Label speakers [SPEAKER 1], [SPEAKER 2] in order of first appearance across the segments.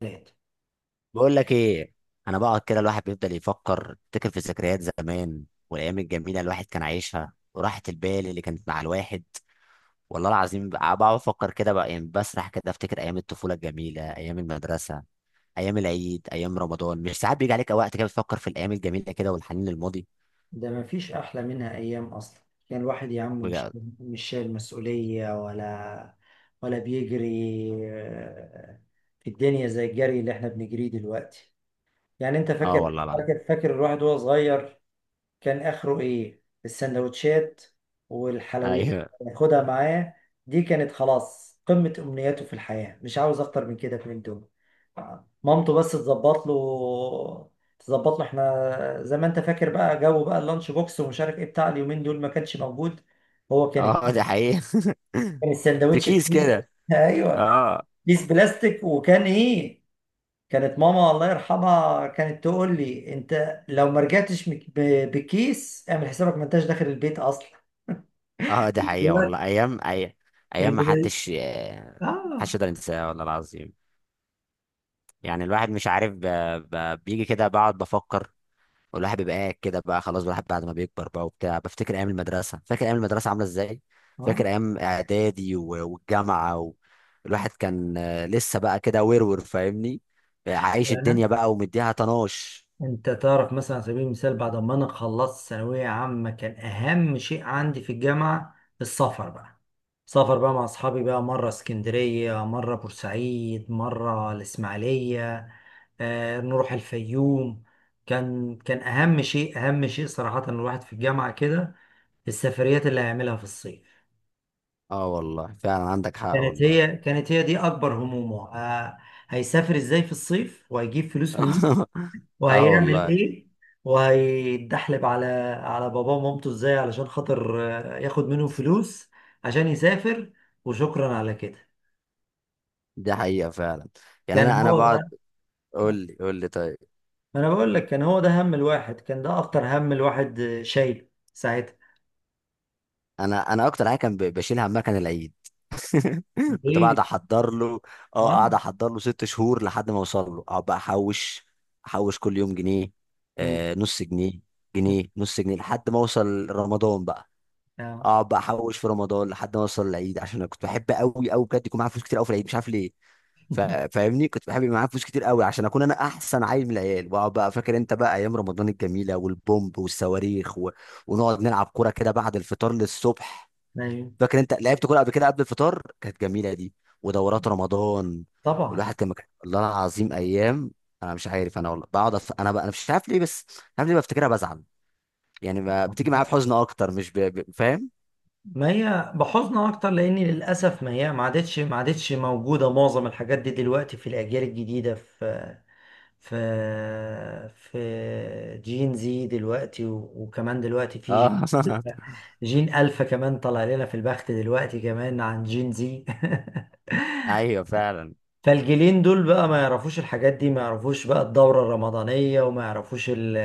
[SPEAKER 1] ثلاثة.
[SPEAKER 2] بقول لك ايه. انا بقعد كده، الواحد بيفضل يفكر يفتكر في ذكريات زمان والايام الجميله الواحد كان عايشها وراحه البال اللي كانت مع الواحد. والله العظيم بقعد افكر كده بقى، يعني بسرح كده افتكر ايام الطفوله الجميله، ايام المدرسه، ايام العيد، ايام رمضان. مش ساعات بيجي عليك وقت كده بتفكر في الايام الجميله كده والحنين للماضي؟
[SPEAKER 1] ده مفيش أحلى منها أيام أصلا. يعني الواحد يا عم مش
[SPEAKER 2] بجد.
[SPEAKER 1] مش شايل مسؤولية ولا بيجري آه، في الدنيا زي الجري اللي احنا بنجريه دلوقتي. يعني أنت
[SPEAKER 2] اه
[SPEAKER 1] فاكر
[SPEAKER 2] والله العظيم.
[SPEAKER 1] فاكر فاكر الواحد وهو صغير، كان اخره ايه؟ السندوتشات والحلويات
[SPEAKER 2] ايوه.
[SPEAKER 1] اللي ياخدها معاه، دي كانت خلاص قمة امنياته في الحياة، مش عاوز اكتر من كده من دول. مامته بس تظبط له. احنا زي ما انت فاكر بقى، جو بقى اللانش بوكس ومش عارف ايه بتاع اليومين دول ما كانش موجود. هو كان
[SPEAKER 2] اه دي حقيقه.
[SPEAKER 1] كان
[SPEAKER 2] في
[SPEAKER 1] الساندوتش
[SPEAKER 2] كيس كده.
[SPEAKER 1] ايوه،
[SPEAKER 2] اه.
[SPEAKER 1] كيس بلاستيك. وكان ايه؟ كانت ماما الله يرحمها كانت تقول لي انت لو ما رجعتش بالكيس، اعمل حسابك ما انتش داخل البيت اصلا.
[SPEAKER 2] اه دي حقيقه والله.
[SPEAKER 1] دلوقتي.
[SPEAKER 2] ايام اي، ايام ما
[SPEAKER 1] اللي.
[SPEAKER 2] حدش
[SPEAKER 1] اه،
[SPEAKER 2] محدش يقدر ينساها والله العظيم. يعني الواحد مش عارف بيجي كده بقعد بفكر. والواحد بيبقى قاعد كده بقى، خلاص الواحد بعد ما بيكبر بقى وبتاع بفتكر ايام المدرسه، فاكر ايام المدرسه عامله ازاي، فاكر
[SPEAKER 1] اه.
[SPEAKER 2] ايام اعدادي والجامعه الواحد كان لسه بقى كده ورور، فاهمني؟ عايش
[SPEAKER 1] يعني
[SPEAKER 2] الدنيا بقى ومديها طناش.
[SPEAKER 1] انت تعرف مثلا، على سبيل المثال، بعد ما انا خلصت ثانويه عامه كان اهم شيء عندي في الجامعه السفر بقى. سفر بقى مع اصحابي، بقى مره اسكندريه، مره بورسعيد، مره الاسماعيليه، نروح الفيوم. كان اهم شيء، صراحه، الواحد في الجامعه كده السفريات اللي هيعملها في الصيف.
[SPEAKER 2] اه والله فعلا عندك حق
[SPEAKER 1] كانت
[SPEAKER 2] والله.
[SPEAKER 1] هي كانت هي دي اكبر همومه، هيسافر ازاي في الصيف؟ وهيجيب فلوس منين؟
[SPEAKER 2] اه
[SPEAKER 1] وهيعمل
[SPEAKER 2] والله
[SPEAKER 1] ايه؟ وهيتدحلب على باباه ومامته ازاي علشان خاطر، ياخد منهم فلوس عشان يسافر؟ وشكرا على كده.
[SPEAKER 2] دي حقيقه فعلا. يعني
[SPEAKER 1] كان
[SPEAKER 2] انا
[SPEAKER 1] هو
[SPEAKER 2] بقعد،
[SPEAKER 1] بقى.
[SPEAKER 2] قول لي قول لي طيب.
[SPEAKER 1] ما انا بقول لك، كان هو ده هم الواحد، كان ده اكتر هم الواحد، شايل ساعتها.
[SPEAKER 2] انا اكتر حاجه كان بشيلها همها كان العيد. كنت
[SPEAKER 1] ايه؟
[SPEAKER 2] بقعد احضر له. اه
[SPEAKER 1] اه.
[SPEAKER 2] قاعد احضر له 6 شهور لحد ما اوصل له، اقعد بقى احوش، احوش كل يوم جنيه،
[SPEAKER 1] أمم،
[SPEAKER 2] آه نص جنيه،
[SPEAKER 1] أمم،
[SPEAKER 2] جنيه، نص جنيه، لحد ما اوصل رمضان بقى،
[SPEAKER 1] آه.
[SPEAKER 2] اقعد بقى احوش في رمضان لحد ما اوصل العيد، عشان انا كنت بحب قوي قوي بجد يكون معايا فلوس كتير قوي في العيد، مش عارف ليه. فاهمني، كنت بحب يبقى معايا فلوس كتير قوي عشان اكون انا احسن عيل من العيال، واقعد بقى فاكر انت بقى ايام رمضان الجميله، والبومب والصواريخ ونقعد نلعب كوره كده بعد الفطار للصبح.
[SPEAKER 1] أيوة.
[SPEAKER 2] فاكر انت لعبت كوره قبل كده قبل الفطار؟ كانت جميله دي، ودورات رمضان.
[SPEAKER 1] طبعا.
[SPEAKER 2] والواحد كان والله العظيم ايام. انا مش عارف، انا والله بقعد انا مش عارف ليه، بس مش عارف ليه بفتكرها بزعل. يعني بتيجي معايا في حزن اكتر، مش فاهم؟
[SPEAKER 1] ما هي بحزن اكتر لان للاسف ما هي ما عادتش موجوده معظم الحاجات دي دلوقتي في الاجيال الجديده، في في جين زي دلوقتي، وكمان دلوقتي في
[SPEAKER 2] اه.
[SPEAKER 1] جين الفا كمان طلع لنا في البخت دلوقتي كمان عن جين زي.
[SPEAKER 2] ايوه فعلا.
[SPEAKER 1] فالجيلين دول بقى ما يعرفوش الحاجات دي، ما يعرفوش بقى الدورة الرمضانية، وما يعرفوش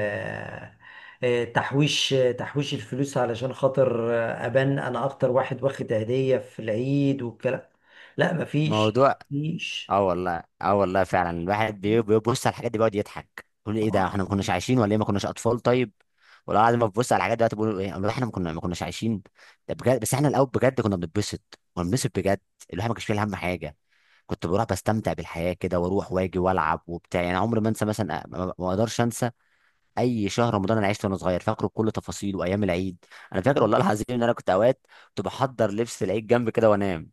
[SPEAKER 1] تحويش الفلوس علشان خاطر، أبان أنا أكتر واحد واخد هدية في العيد والكلام. لا، مفيش
[SPEAKER 2] موضوع.
[SPEAKER 1] مفيش
[SPEAKER 2] اه والله، اه والله فعلا الواحد بيبص على الحاجات دي بيقعد يضحك يقول ايه ده،
[SPEAKER 1] آه.
[SPEAKER 2] احنا ما كناش عايشين ولا ايه، ما كناش اطفال طيب؟ ولا بعد ما ببص على الحاجات دلوقتي بقول ايه والله، احنا ما كناش عايشين. ده بجد، بس احنا الاول بجد كنا بنتبسط، كنا بنتبسط بجد. الواحد ما كانش فيه هم حاجه، كنت بروح بستمتع بالحياه كده، واروح واجي والعب وبتاع. يعني عمري ما انسى مثلا، ما اقدرش انسى اي شهر رمضان انا عشته وانا صغير، فاكره بكل تفاصيله، وايام العيد. انا فاكر والله العظيم ان انا كنت اوقات كنت بحضر لبس العيد جنب كده وانام،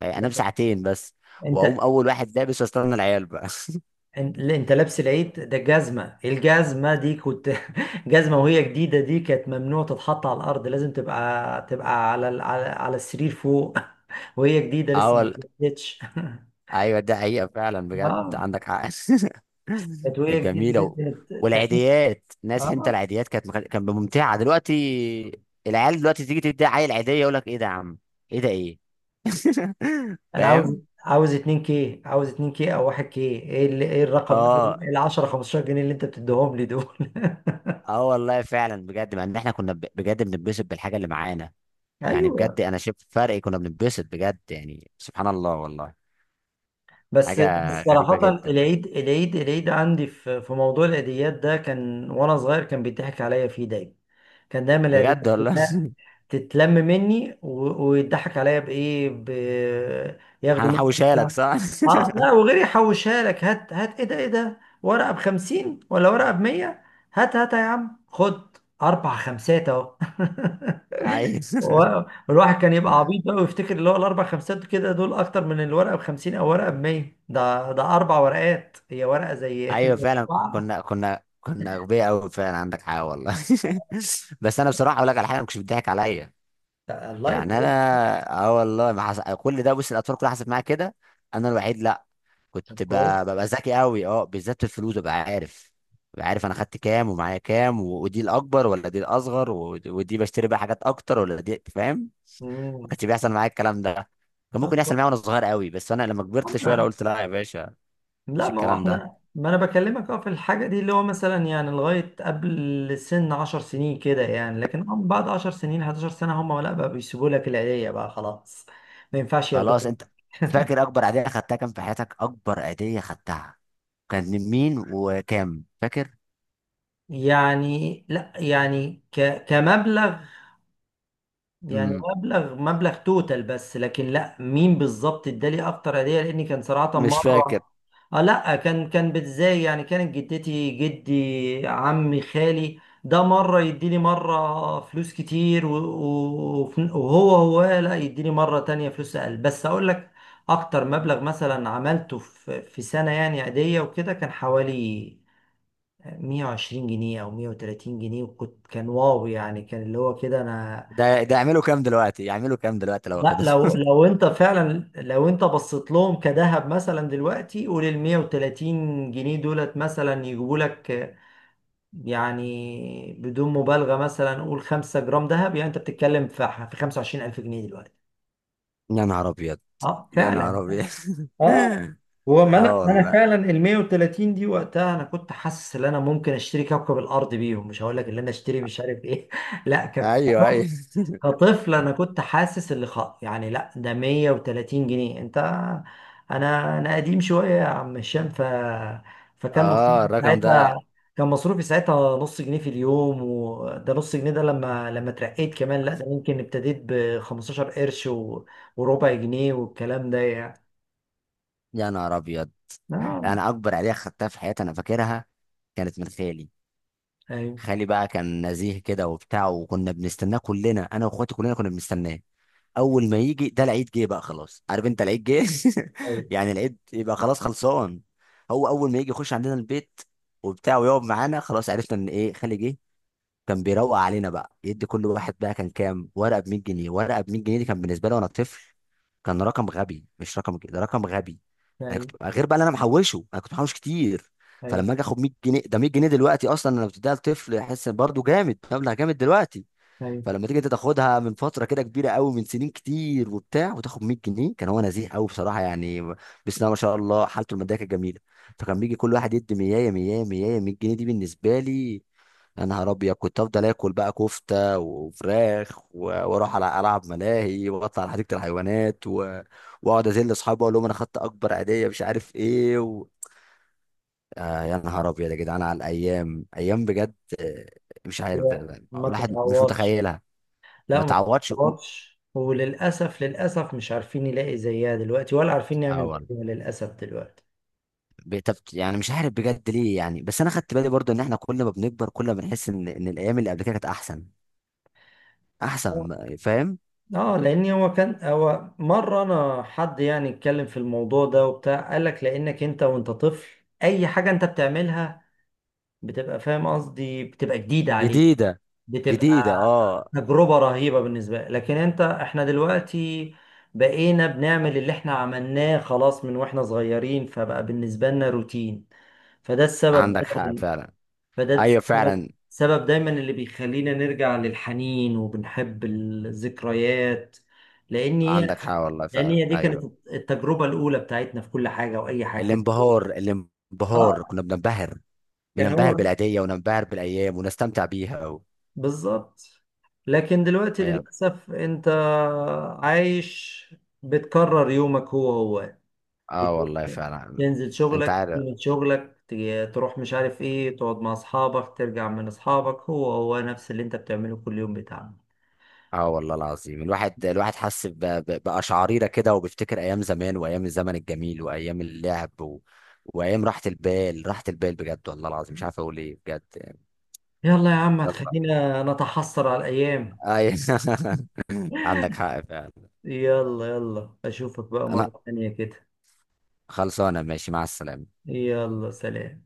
[SPEAKER 2] يعني انام ساعتين بس
[SPEAKER 1] أنت.
[SPEAKER 2] واقوم اول واحد لابس واستنى العيال بقى.
[SPEAKER 1] انت اللي انت لابس العيد ده، جزمة، الجزمة دي كنت، جزمة وهي جديدة، دي كانت ممنوع تتحط على الأرض، لازم تبقى على على السرير فوق، وهي جديدة لسه ما
[SPEAKER 2] اول،
[SPEAKER 1] اتلبستش.
[SPEAKER 2] ايوه ده حقيقه فعلا بجد
[SPEAKER 1] اه،
[SPEAKER 2] عندك حق.
[SPEAKER 1] كانت وهي
[SPEAKER 2] كانت
[SPEAKER 1] جديدة
[SPEAKER 2] جميله
[SPEAKER 1] دي كانت تحس.
[SPEAKER 2] والعيديات، ناس انت
[SPEAKER 1] اه،
[SPEAKER 2] العيديات كانت كانت ممتعه. دلوقتي العيال دلوقتي تيجي تدي عيل عيديه يقول لك ايه ده يا عم، ايه ده، ايه؟
[SPEAKER 1] أنا عاوز
[SPEAKER 2] فاهم؟
[SPEAKER 1] عاوز 2 كي، أو 1 كي، إيه الرقم؟
[SPEAKER 2] اه.
[SPEAKER 1] ال 10 15 جنيه اللي أنت بتديهم لي دول.
[SPEAKER 2] اه والله فعلا بجد، مع ان احنا كنا بجد بنتبسط بالحاجه اللي معانا. يعني
[SPEAKER 1] أيوه.
[SPEAKER 2] بجد انا شفت فرق، كنا بنتبسط بجد، يعني سبحان الله والله.
[SPEAKER 1] بس
[SPEAKER 2] حاجه غريبه
[SPEAKER 1] صراحة،
[SPEAKER 2] جدا.
[SPEAKER 1] العيد، عندي في موضوع العيديات ده، كان وأنا صغير كان بيضحك عليا فيه دايما. كان دايما
[SPEAKER 2] بجد
[SPEAKER 1] العيديات
[SPEAKER 2] والله.
[SPEAKER 1] كلها تتلم مني، ويضحك عليا بإيه؟ ياخدوا مني.
[SPEAKER 2] هنحوشها لك، صح؟
[SPEAKER 1] اه، لا، وغير يحوشها لك؟ هات هات، ايه ده؟ ايه ده؟ ورقة بخمسين ولا ورقة بمية؟ هات هات يا عم، خد أربع خمسات أهو.
[SPEAKER 2] ايوه.
[SPEAKER 1] و- والواحد كان يبقى عبيط بقى ويفتكر اللي هو الاربع خمسات كده دول اكتر من الورقه ب 50 او ورقه ب 100. ده اربع ورقات، هي ورقه زي زي
[SPEAKER 2] ايوه فعلا،
[SPEAKER 1] اربعه.
[SPEAKER 2] كنا اغبياء قوي فعلا، عندك حق والله. بس انا بصراحه اقول لك على حاجه، ما كنتش بتضحك عليا.
[SPEAKER 1] الله
[SPEAKER 2] يعني
[SPEAKER 1] يطول.
[SPEAKER 2] انا، اه والله ما حس... كل ده، بص، الاطفال كلها حصلت معايا كده، انا الوحيد لا.
[SPEAKER 1] طب
[SPEAKER 2] كنت ب...
[SPEAKER 1] كويس.
[SPEAKER 2] ببقى ذكي قوي، اه بالذات في الفلوس، ببقى عارف، ببقى عارف انا خدت كام ومعايا كام ودي الاكبر ولا دي الاصغر ودي بشتري بقى حاجات اكتر ولا دي، فاهم؟ ما
[SPEAKER 1] مم.
[SPEAKER 2] كانش بيحصل معايا الكلام ده. كان
[SPEAKER 1] طب
[SPEAKER 2] ممكن يحصل
[SPEAKER 1] كويس.
[SPEAKER 2] معايا وانا صغير قوي، بس انا لما كبرت شويه لا
[SPEAKER 1] أما-
[SPEAKER 2] قلت لا يا باشا.
[SPEAKER 1] لا،
[SPEAKER 2] مش
[SPEAKER 1] ما هو
[SPEAKER 2] الكلام ده.
[SPEAKER 1] احنا، ما انا بكلمك اه في الحاجه دي اللي هو مثلا يعني لغايه قبل سن 10 سنين كده يعني، لكن بعد 10 سنين، 11 سنه، هم لا بقى بيسيبوا لك العيديه بقى خلاص، ما ينفعش
[SPEAKER 2] خلاص
[SPEAKER 1] ياخدوها.
[SPEAKER 2] انت فاكر اكبر عيدية خدتها كام في حياتك؟ اكبر عيدية خدتها كانت من مين وكام، فاكر؟
[SPEAKER 1] يعني لا، يعني كمبلغ، يعني
[SPEAKER 2] امم،
[SPEAKER 1] مبلغ توتال بس، لكن لا مين بالظبط ادالي اكتر هديه، لاني كان صراحه
[SPEAKER 2] مش فاكر.
[SPEAKER 1] مره. اه لا، كان بتزاي يعني. كانت جدتي، جدي، عمي، خالي، ده مره يديني مره فلوس كتير، وهو لا يديني مره تانية فلوس اقل. بس اقول لك اكتر مبلغ مثلا عملته في سنه يعني عاديه وكده، كان حوالي 120 جنيه او 130 جنيه، وكنت واو، يعني كان اللي هو كده انا.
[SPEAKER 2] ده يعملوا كام دلوقتي، يعملوا كام دلوقتي لو
[SPEAKER 1] لا،
[SPEAKER 2] واخده؟
[SPEAKER 1] لو انت فعلا، لو انت بصيت لهم كذهب مثلا دلوقتي، قول ال 130 جنيه دولت مثلا يجيبوا لك، يعني بدون مبالغه، مثلا قول 5 جرام ذهب، يعني انت بتتكلم في 25,000 جنيه دلوقتي.
[SPEAKER 2] يا نهار ابيض.
[SPEAKER 1] اه
[SPEAKER 2] يا
[SPEAKER 1] فعلا.
[SPEAKER 2] نهار ابيض.
[SPEAKER 1] اه. هو ما
[SPEAKER 2] اه
[SPEAKER 1] انا
[SPEAKER 2] والله.
[SPEAKER 1] فعلا ال 130 دي وقتها انا كنت حاسس ان انا ممكن اشتري كوكب الارض بيهم، مش هقول لك ان انا اشتري مش عارف ايه. لا كانت.
[SPEAKER 2] ايوه ايوه.
[SPEAKER 1] كطفل انا كنت حاسس اللي يعني، لا، ده 130 جنيه، انت. انا قديم شويه يا عم هشام، فكان مصروفي
[SPEAKER 2] اه الرقم ده.
[SPEAKER 1] ساعتها، كان مصروفي ساعتها نص جنيه في اليوم. وده نص جنيه ده لما، اترقيت كمان، لا ده ممكن ابتديت ب 15 قرش و... وربع جنيه والكلام ده يعني.
[SPEAKER 2] يا نهار ابيض،
[SPEAKER 1] اه.
[SPEAKER 2] انا اكبر عيدية خدتها في حياتي انا فاكرها، كانت من خالي.
[SPEAKER 1] ايوه،
[SPEAKER 2] خالي بقى كان نزيه كده وبتاع، وكنا بنستناه كلنا، انا واخواتي كلنا كنا بنستناه. اول ما يجي ده، العيد جه بقى، خلاص عارف انت العيد جه.
[SPEAKER 1] ايوه،
[SPEAKER 2] يعني العيد يبقى خلاص خلصان. هو اول ما يجي يخش عندنا البيت وبتاع ويقعد معانا، خلاص عرفنا ان ايه، خالي جه. كان بيروق علينا بقى يدي كل واحد بقى، كان كام ورقه ب 100 جنيه، ورقه ب 100 جنيه دي كان بالنسبه لي وانا طفل كان رقم غبي، مش رقم كده، ده رقم غبي. انا
[SPEAKER 1] ايوه،
[SPEAKER 2] كنت غير بقى اللي انا محوشه، انا كنت محوش كتير.
[SPEAKER 1] ايوه،
[SPEAKER 2] فلما اجي اخد 100 جنيه، ده 100 جنيه دلوقتي اصلا انا بتديها لطفل يحس برضه جامد، مبلغ جامد دلوقتي.
[SPEAKER 1] ايوه.
[SPEAKER 2] فلما تيجي انت تاخدها من فتره كده كبيره قوي، من سنين كتير وبتاع، وتاخد 100 جنيه، كان هو نزيه قوي بصراحه يعني، بسم الله ما شاء الله حالته الماديه كانت جميله. فكان بيجي كل واحد يدي 100، 100، 100، 100 جنيه دي بالنسبه لي يا نهار ابيض. كنت افضل اكل بقى كفته وفراخ واروح على العب ملاهي واطلع على حديقه الحيوانات واقعد ازل اصحابي اقول لهم انا خدت اكبر عيديه مش عارف ايه آه يا نهار ابيض يا جدعان، على الايام، ايام بجد. مش عارف
[SPEAKER 1] هي ما
[SPEAKER 2] الواحد مش
[SPEAKER 1] تتعوضش.
[SPEAKER 2] متخيلها. ما
[SPEAKER 1] لا، ما
[SPEAKER 2] تعوضش قوت.
[SPEAKER 1] تتطلبش، وللأسف مش عارفين يلاقي زيها دلوقتي، ولا عارفين نعمل
[SPEAKER 2] اول
[SPEAKER 1] زيها للأسف دلوقتي.
[SPEAKER 2] يعني مش عارف بجد ليه يعني، بس انا خدت بالي برضو ان احنا كل ما بنكبر كل ما بنحس ان الايام اللي قبل كده كانت احسن، احسن، فاهم؟
[SPEAKER 1] اه لان هو مره انا، حد يعني اتكلم في الموضوع ده وبتاع، قال لك لانك انت وانت طفل، اي حاجه انت بتعملها بتبقى فاهم قصدي، بتبقى جديده عليك،
[SPEAKER 2] جديده، جديده،
[SPEAKER 1] بتبقى
[SPEAKER 2] اه.
[SPEAKER 1] تجربه رهيبه بالنسبه لك، لكن انت، احنا دلوقتي بقينا بنعمل اللي احنا عملناه خلاص من واحنا صغيرين، فبقى بالنسبه لنا روتين. فده السبب،
[SPEAKER 2] عندك حق فعلا.
[SPEAKER 1] فده
[SPEAKER 2] ايوه
[SPEAKER 1] السبب
[SPEAKER 2] فعلا
[SPEAKER 1] سبب دايما اللي بيخلينا نرجع للحنين وبنحب الذكريات، لان
[SPEAKER 2] عندك
[SPEAKER 1] هي،
[SPEAKER 2] حق والله. فعلا
[SPEAKER 1] دي كانت
[SPEAKER 2] ايوه.
[SPEAKER 1] التجربه الاولى بتاعتنا في كل حاجه واي حاجه كان.
[SPEAKER 2] الانبهار،
[SPEAKER 1] اه،
[SPEAKER 2] الانبهار كنا بننبهر،
[SPEAKER 1] كان
[SPEAKER 2] بننبهر
[SPEAKER 1] هو
[SPEAKER 2] بالعيديه، وننبهر بالايام ونستمتع بيها
[SPEAKER 1] بالظبط. لكن دلوقتي
[SPEAKER 2] ايام.
[SPEAKER 1] للاسف انت عايش بتكرر يومك هو هو،
[SPEAKER 2] اه
[SPEAKER 1] بت-
[SPEAKER 2] والله فعلا.
[SPEAKER 1] تنزل
[SPEAKER 2] انت
[SPEAKER 1] شغلك،
[SPEAKER 2] عارف،
[SPEAKER 1] تيجي من شغلك، تروح مش عارف ايه، تقعد مع اصحابك، ترجع من اصحابك، هو هو نفس اللي انت بتعمله كل يوم بتاعك.
[SPEAKER 2] اه والله العظيم الواحد، الواحد حس بقشعريرة كده، وبيفتكر ايام زمان، وايام الزمن الجميل، وايام اللعب وايام راحة البال، راحة البال بجد والله العظيم، مش عارف اقول ايه بجد يعني.
[SPEAKER 1] يلا يا عم
[SPEAKER 2] يلا.
[SPEAKER 1] هتخلينا نتحسر على الأيام.
[SPEAKER 2] اي. عندك حق فعلا.
[SPEAKER 1] يلا يلا، أشوفك بقى
[SPEAKER 2] انا
[SPEAKER 1] مرة تانية كده.
[SPEAKER 2] خلصانه، ماشي مع السلامة.
[SPEAKER 1] يلا سلام.